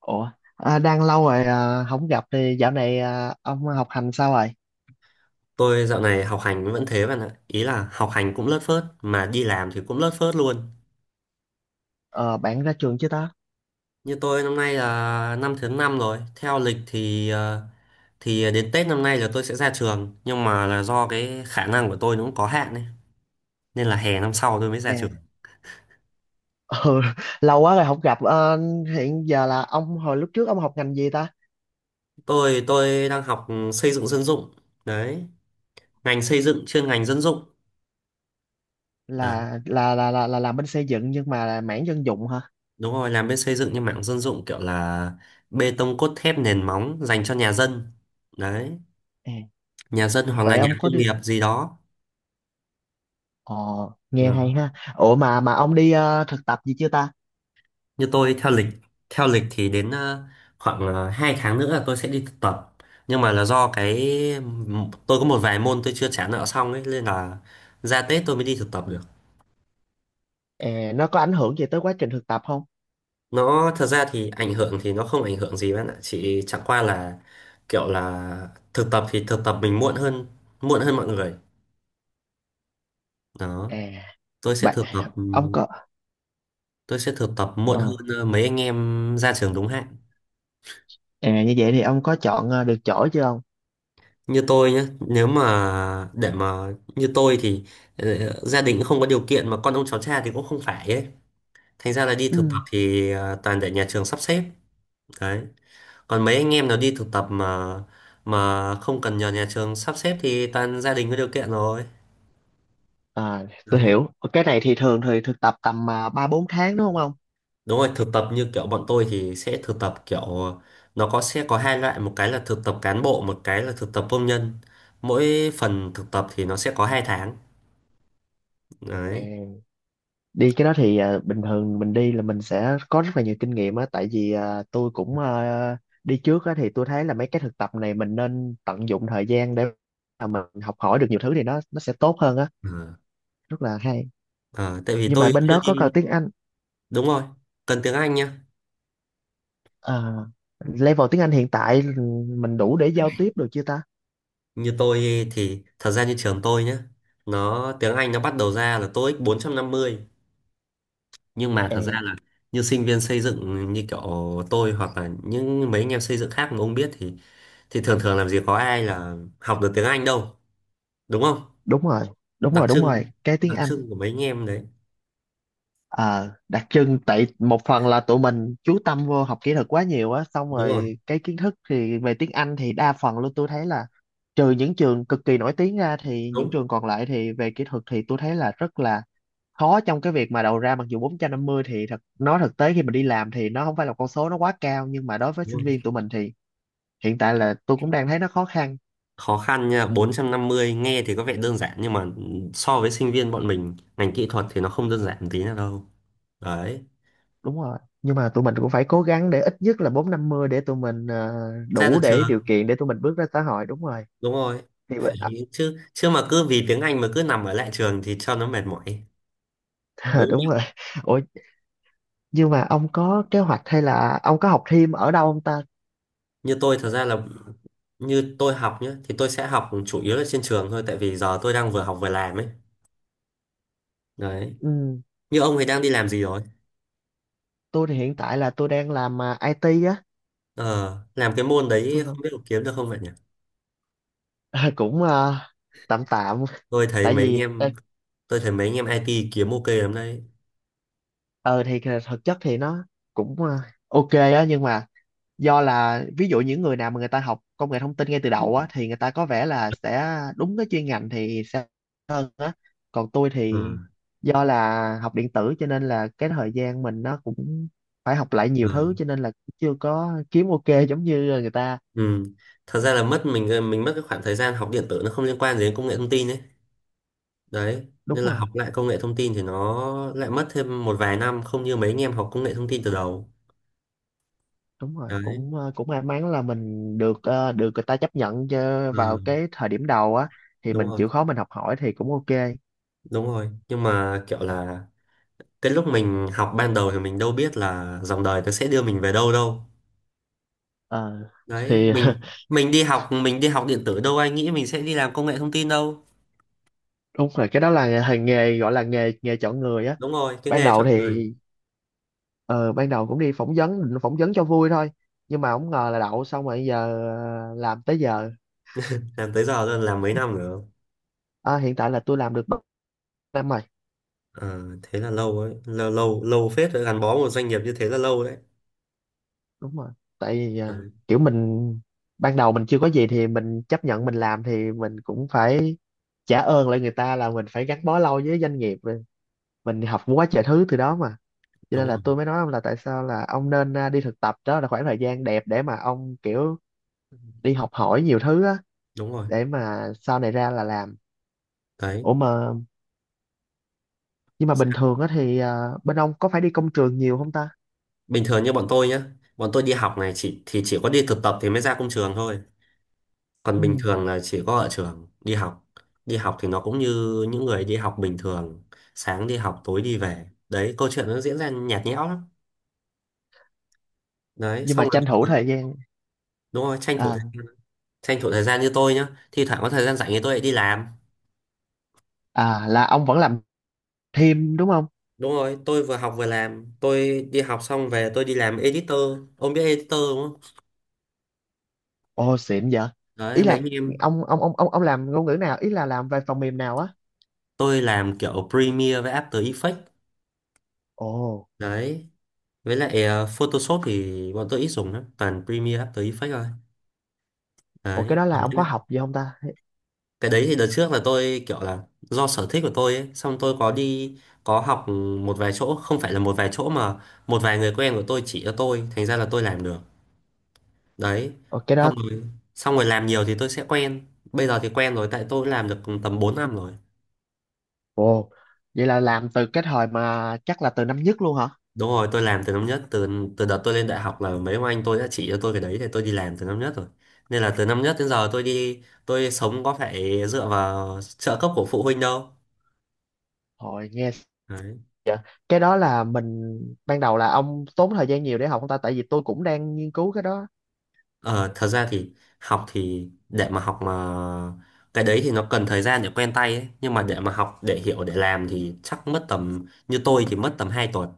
Ủa, đang lâu rồi không gặp thì dạo này ông học hành sao rồi? Tôi dạo này học hành vẫn thế bạn ạ. Ý là học hành cũng lất phớt, mà đi làm thì cũng lất phớt luôn. Ờ, bạn ra trường chưa ta? Như tôi năm nay là năm thứ năm rồi. Theo lịch thì thì đến Tết năm nay là tôi sẽ ra trường. Nhưng mà là do cái khả năng của tôi nó cũng có hạn ấy. Nên là hè năm sau tôi mới ra À. trường. Ừ, lâu quá rồi không gặp. Ờ, hiện giờ là ông hồi lúc trước ông học ngành gì ta? Tôi đang học xây dựng dân dụng. Đấy, ngành xây dựng chuyên ngành dân dụng. Đấy, Là làm bên xây dựng nhưng mà là mảng dân dụng hả? đúng rồi, làm bên xây dựng nhưng mảng dân dụng kiểu là bê tông cốt thép nền móng dành cho nhà dân. Đấy, À, nhà dân hoặc là vậy nhà ông có công đi? nghiệp gì đó. Ờ, Ờ, nghe hay ha. Ủa mà ông đi thực tập gì chưa ta? như tôi theo lịch thì đến khoảng 2 tháng nữa là tôi sẽ đi thực tập, nhưng mà là do cái tôi có một vài môn tôi chưa trả nợ xong ấy, nên là ra Tết tôi mới đi thực tập được. À, nó có ảnh hưởng gì tới quá trình thực tập không? Nó thật ra thì ảnh hưởng thì nó không ảnh hưởng gì bạn ạ, chỉ chẳng qua là kiểu là thực tập thì thực tập mình muộn hơn mọi người đó. À, tôi sẽ bạn thực tập ông có tôi sẽ thực tập muộn hơn ờ, mấy anh em ra trường đúng hạn. à, như vậy thì ông có chọn được chỗ chưa ông? Như tôi nhé, nếu mà để mà như tôi thì gia đình cũng không có điều kiện mà con ông cháu cha thì cũng không phải ấy, thành ra là đi thực tập Ừ. thì toàn để nhà trường sắp xếp. Đấy, còn mấy anh em nào đi thực tập mà không cần nhờ nhà trường sắp xếp thì toàn gia đình có điều kiện rồi. À, tôi Đấy, hiểu. Cái này thì thường thì thực tập tầm ba bốn tháng đúng không ông? đúng rồi, thực tập như kiểu bọn tôi thì sẽ thực tập kiểu, nó sẽ có hai loại, một cái là thực tập cán bộ, một cái là thực tập công nhân. Mỗi phần thực tập thì nó sẽ có 2 tháng. Đấy. À, đi cái đó thì bình thường mình đi là mình sẽ có rất là nhiều kinh nghiệm á, tại vì tôi cũng đi trước á thì tôi thấy là mấy cái thực tập này mình nên tận dụng thời gian để mà mình học hỏi được nhiều thứ thì nó sẽ tốt hơn á, Ờ. rất là hay. Ờ, tại vì Nhưng mà tôi bên chưa đó có cần đi. tiếng Anh, Đúng rồi, cần tiếng Anh nhá. à, level tiếng Anh hiện tại mình đủ để giao tiếp được chưa ta? Như tôi thì thật ra như trường tôi nhá, nó tiếng Anh nó bắt đầu ra là tô íc 450, nhưng mà À, thật ra là như sinh viên xây dựng như kiểu tôi hoặc là những mấy anh em xây dựng khác mà ông biết thì thường thường làm gì có ai là học được tiếng Anh đâu, đúng không? đúng rồi, đúng Đặc rồi, đúng rồi, trưng, cái tiếng đặc Anh. trưng của mấy anh em đấy. Ờ, đặc trưng tại một phần là tụi mình chú tâm vô học kỹ thuật quá nhiều á xong Đúng rồi, rồi cái kiến thức thì về tiếng Anh thì đa phần luôn tôi thấy là trừ những trường cực kỳ nổi tiếng ra thì những đúng, trường còn lại thì về kỹ thuật thì tôi thấy là rất là khó trong cái việc mà đầu ra mặc dù 450 thì thật nói thực tế khi mình đi làm thì nó không phải là con số nó quá cao nhưng mà đối với đúng sinh viên rồi. tụi mình thì hiện tại là tôi cũng đang thấy nó khó khăn. Khó khăn nha, 450 nghe thì có vẻ đơn giản, nhưng mà so với sinh viên bọn mình ngành kỹ thuật thì nó không đơn giản một tí nào đâu. Đấy. Đúng rồi nhưng mà tụi mình cũng phải cố gắng để ít nhất là 450 để tụi mình Ra đủ từ để chưa? điều kiện để tụi mình bước ra xã hội đúng rồi Đúng rồi. thì Đấy, chứ chứ mà cứ vì tiếng Anh mà cứ nằm ở lại trường thì cho nó mệt mỏi. Ờ, Đúng. đúng rồi. Ủa, nhưng mà ông có kế hoạch hay là ông có học thêm ở đâu ông ta? Như tôi thật ra là như tôi học nhá thì tôi sẽ học chủ yếu là trên trường thôi, tại vì giờ tôi đang vừa học vừa làm ấy. Đấy, Ừ, như ông thì đang đi làm gì rồi? tôi thì hiện tại là tôi đang làm IT á. Ờ, làm cái môn đấy Tôi không làm, biết có kiếm được không vậy nhỉ. Ờ, cũng tạm tạm. Tôi thấy Tại mấy anh vì em tôi thấy mấy anh em IT kiếm ok lắm đấy. ờ, thì thực chất thì nó cũng ok á nhưng mà do là ví dụ những người nào mà người ta học công nghệ thông tin ngay từ đầu á thì người ta có vẻ là sẽ đúng cái chuyên ngành thì sẽ hơn á còn tôi Ừ. thì do là học điện tử cho nên là cái thời gian mình nó cũng phải học lại nhiều Ừ. thứ cho nên là chưa có kiếm ok giống như người ta. Ừ. Thật ra là mất mình mất cái khoảng thời gian học điện tử, nó không liên quan gì đến công nghệ thông tin ấy. Đấy, Đúng nên là rồi học lại công nghệ thông tin thì nó lại mất thêm một vài năm, không như mấy anh em học công nghệ thông tin từ đầu. đúng rồi Đấy. cũng may mắn là mình được người ta chấp nhận cho vào Ừ, cái thời điểm đầu á thì đúng mình rồi. chịu khó mình học hỏi thì cũng ok. Đúng rồi, nhưng mà kiểu là cái lúc mình học ban đầu thì mình đâu biết là dòng đời nó sẽ đưa mình về đâu đâu. Ờ, Đấy, thì mình mình đi học mình đi học điện tử, đâu ai nghĩ mình sẽ đi làm công nghệ thông tin đâu. đúng rồi cái đó là nghề nghề gọi là nghề nghề chọn người á. Đúng rồi, cái Ban nghề đầu chọn đời. thì ờ, ban đầu cũng đi phỏng vấn định phỏng vấn cho vui thôi nhưng mà không ngờ là đậu xong rồi giờ làm tới giờ. Làm tới giờ rồi, làm mấy năm nữa. Hiện tại là tôi làm được 3 năm rồi Ờ, thế là lâu ấy, lâu lâu lâu phết rồi, gắn bó một doanh nghiệp như thế là lâu đấy. đúng rồi tại vì Đấy. kiểu mình ban đầu mình chưa có gì thì mình chấp nhận mình làm thì mình cũng phải trả ơn lại người ta là mình phải gắn bó lâu với doanh nghiệp mình học quá trời thứ từ đó mà cho Đúng nên là rồi. tôi mới nói ông là tại sao là ông nên đi thực tập đó là khoảng thời gian đẹp để mà ông kiểu đi học hỏi nhiều thứ á Đúng rồi. để mà sau này ra là làm. Đấy. Ủa mà nhưng mà bình thường á thì bên ông có phải đi công trường nhiều không ta? Bình thường như bọn tôi nhá, bọn tôi đi học này chỉ có đi thực tập thì mới ra công trường thôi, còn bình Ừ. thường là chỉ có ở trường đi học. Đi học thì nó cũng như những người đi học bình thường, sáng đi học tối đi về. Đấy, câu chuyện nó diễn ra nhạt nhẽo lắm. Đấy, Nhưng mà xong rồi tranh bình thủ thường-. thời gian. Đúng rồi, tranh thủ thời à gian tranh thủ thời gian như tôi nhá, thi thoảng có thời gian rảnh thì tôi lại đi làm. Là ông vẫn làm thêm đúng không? Đúng rồi, tôi vừa học vừa làm, tôi đi học xong về tôi đi làm editor, ông biết editor đúng không? Ồ xịn vậy. Ý Đấy, mấy anh là em ông làm ngôn ngữ nào, ý là làm về phần mềm nào á? tôi làm kiểu Premiere với After Effects. Ồ. Đấy. Với lại Photoshop thì bọn tôi ít dùng lắm, toàn Premiere After Effects thôi. Ồ cái Đấy. đó là Còn ông Cái có học gì không ta? cái đấy thì đợt trước là tôi kiểu là do sở thích của tôi ấy, xong tôi có đi có học một vài chỗ, không phải là một vài chỗ mà một vài người quen của tôi chỉ cho tôi, thành ra là tôi làm được. Đấy. Ồ cái đó. Xong rồi xong rồi làm nhiều thì tôi sẽ quen. Bây giờ thì quen rồi, tại tôi làm được tầm 4 năm rồi. Ồ vậy là làm từ cái thời mà chắc là từ năm nhất luôn hả? Đúng rồi, tôi làm từ năm nhất, từ từ đợt tôi lên đại học là mấy ông anh tôi đã chỉ cho tôi cái đấy thì tôi đi làm từ năm nhất rồi. Nên là từ năm nhất đến giờ tôi sống có phải dựa vào trợ cấp của phụ huynh đâu. Hồi nghe. Đấy. Dạ. Cái đó là mình ban đầu là ông tốn thời gian nhiều để học không ta, tại vì tôi cũng đang nghiên cứu cái đó. Ờ, thật ra thì học thì để mà học mà cái đấy thì nó cần thời gian để quen tay ấy. Nhưng mà để mà học để hiểu để làm thì chắc mất tầm, như tôi thì mất tầm 2 tuần.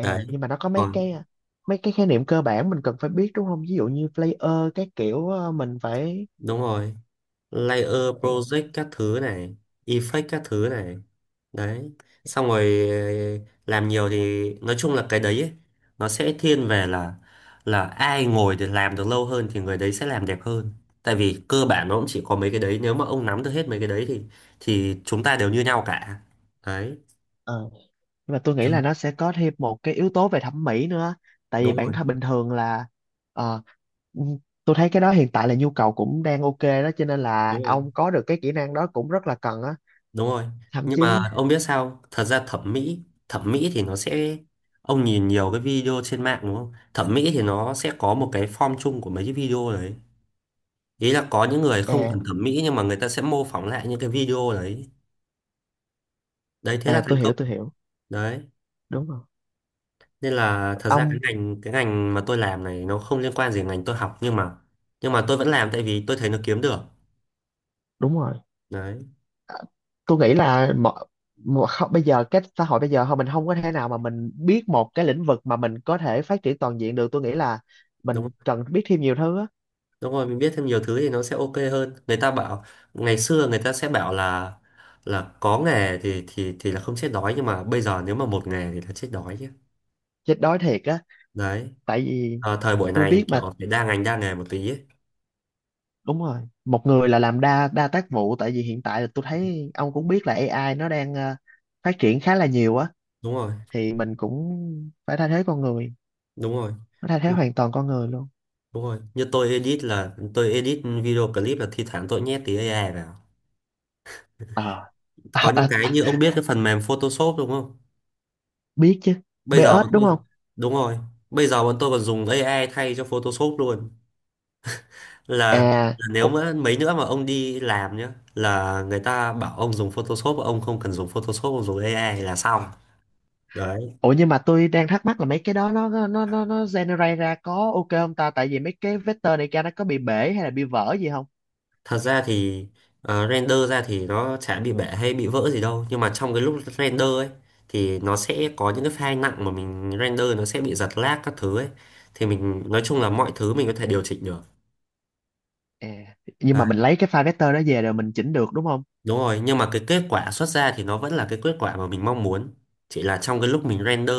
Đấy. nhưng mà nó có mấy Còn cái mấy cái khái niệm cơ bản mình cần phải biết đúng không? Ví dụ như player các kiểu mình phải. đúng rồi, layer ờ project các thứ này, effect các thứ này. Đấy, xong rồi làm nhiều thì nói chung là cái đấy ấy, nó sẽ thiên về là ai ngồi để làm được lâu hơn thì người đấy sẽ làm đẹp hơn, tại vì cơ bản nó cũng chỉ có mấy cái đấy, nếu mà ông nắm được hết mấy cái đấy thì chúng ta đều như nhau cả. Đấy. ờ, nhưng mà tôi nghĩ là Chứ- nó sẽ có thêm một cái yếu tố về thẩm mỹ nữa. Tại vì Đúng bản rồi. thân bình thường là ờ, ừ, tôi thấy cái đó hiện tại là nhu cầu cũng đang ok đó cho nên là Đúng rồi. ông có được cái kỹ năng đó cũng rất là cần á. Đúng rồi, Thậm nhưng mà chí ông biết sao không? Thật ra thẩm mỹ thì nó sẽ, ông nhìn nhiều cái video trên mạng đúng không, thẩm mỹ thì nó sẽ có một cái form chung của mấy cái video đấy. Ý là có những người không cần à thẩm mỹ nhưng mà người ta sẽ mô phỏng lại những cái video đấy. Đấy, thế là thành tôi hiểu công. tôi hiểu. Đấy, Đúng rồi. nên là thật ra cái Ông ngành cái ngành mà tôi làm này nó không liên quan gì ngành tôi học, nhưng mà tôi vẫn làm tại vì tôi thấy nó kiếm được. đúng rồi. Đấy. Tôi nghĩ là mọi, mọi, không, bây giờ cái xã hội bây giờ không mình không có thể nào mà mình biết một cái lĩnh vực mà mình có thể phát triển toàn diện được, tôi nghĩ là Đúng mình rồi, cần biết thêm nhiều thứ á. đúng rồi mình biết thêm nhiều thứ thì nó sẽ ok hơn. Người ta bảo ngày xưa người ta sẽ bảo là có nghề thì là không chết đói, nhưng mà bây giờ nếu mà một nghề thì là chết đói chứ. Chết đói thiệt á. Đấy. Tại vì Ờ, thời buổi tôi này biết mà. kiểu phải đa ngành đa nghề một tí ấy. Đúng rồi, một người là làm đa đa tác vụ, tại vì hiện tại là tôi thấy ông cũng biết là AI nó đang phát triển khá là nhiều á. Đúng rồi. Thì mình cũng phải thay thế con người, Đúng rồi. nó thay thế hoàn toàn con người luôn. Đúng rồi, như tôi edit là tôi edit video clip là thi thoảng tôi nhét tí AI vào. ờ Có những à, à, cái như ông biết cái phần mềm Photoshop đúng không? biết chứ Bây giờ BS bọn đúng tôi. không Đúng rồi. Bây giờ bọn tôi còn dùng AI thay cho Photoshop luôn. Là, à? là nếu mà mấy nữa mà ông đi làm nhá, là người ta bảo ông dùng Photoshop, ông không cần dùng Photoshop, ông dùng AI là xong. Đấy. Ủa nhưng mà tôi đang thắc mắc là mấy cái đó nó generate ra có ok không ta? Tại vì mấy cái vector này ra nó có bị bể hay là bị vỡ gì không? Thật ra thì render ra thì nó chả bị bể hay bị vỡ gì đâu, nhưng mà trong cái lúc render ấy thì nó sẽ có những cái file nặng mà mình render nó sẽ bị giật lag các thứ ấy, thì mình nói chung là mọi thứ mình có thể điều chỉnh được. À, nhưng À, mà mình lấy cái file vector đó về rồi mình chỉnh được đúng không? đúng rồi, nhưng mà cái kết quả xuất ra thì nó vẫn là cái kết quả mà mình mong muốn, chỉ là trong cái lúc mình render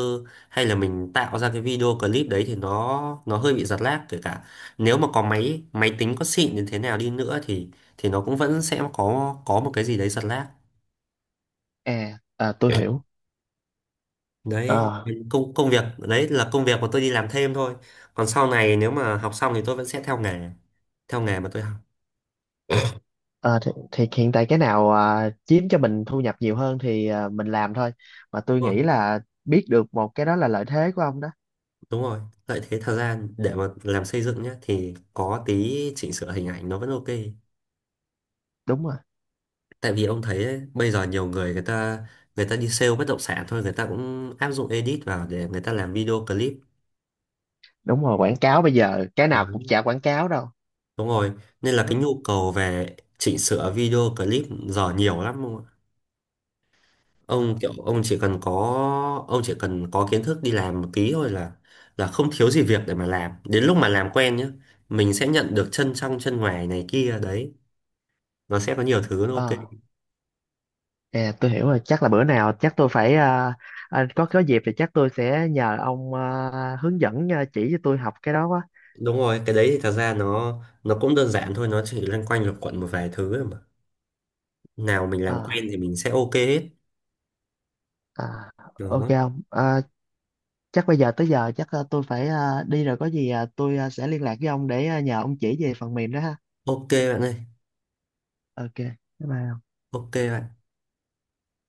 hay là mình tạo ra cái video clip đấy thì nó hơi bị giật lag, kể cả nếu mà có máy máy tính có xịn đến thế nào đi nữa thì nó cũng vẫn sẽ có một cái gì đấy giật lag. À, tôi hiểu. Đấy. Ờ, Công công việc đấy là công việc mà tôi đi làm thêm thôi, còn sau này nếu mà học xong thì tôi vẫn sẽ theo nghề mà tôi học. ờ, thì hiện tại cái nào chiếm cho mình thu nhập nhiều hơn thì mình làm thôi. Mà tôi Đúng rồi. nghĩ là biết được một cái đó là lợi thế của ông đó. Đúng rồi, lợi thế thời gian để mà làm xây dựng nhé thì có tí chỉnh sửa hình ảnh nó vẫn ok. Đúng rồi, Tại vì ông thấy ấy, bây giờ nhiều người, người ta đi sale bất động sản thôi, người ta cũng áp dụng edit vào để người ta làm video clip. đúng rồi. Quảng cáo bây giờ cái nào cũng Đấy, chả quảng cáo đâu. đúng rồi, nên là Đúng. cái nhu cầu về chỉnh sửa video clip giờ nhiều lắm. Ông Ờ, kiểu ông chỉ cần có kiến thức đi làm một tí thôi là không thiếu gì việc để mà làm. Đến lúc mà làm quen nhá mình sẽ nhận được chân trong chân ngoài này kia. Đấy, nó sẽ có nhiều thứ nó ok. ờ. À, tôi hiểu rồi, chắc là bữa nào chắc tôi phải có dịp thì chắc tôi sẽ nhờ ông hướng dẫn chỉ cho tôi học cái đó quá. Đúng rồi, cái đấy thì thật ra nó cũng đơn giản thôi, nó chỉ loanh quanh lục quận một vài thứ thôi mà, nào mình làm quen Ờ, thì mình sẽ ok hết. à, ok Đó, ông. À, chắc bây giờ tới giờ chắc tôi phải đi rồi có gì tôi sẽ liên lạc với ông để nhờ ông chỉ về phần mềm đó ha. ok bạn ơi. Ok. Bye bye. Ok bạn.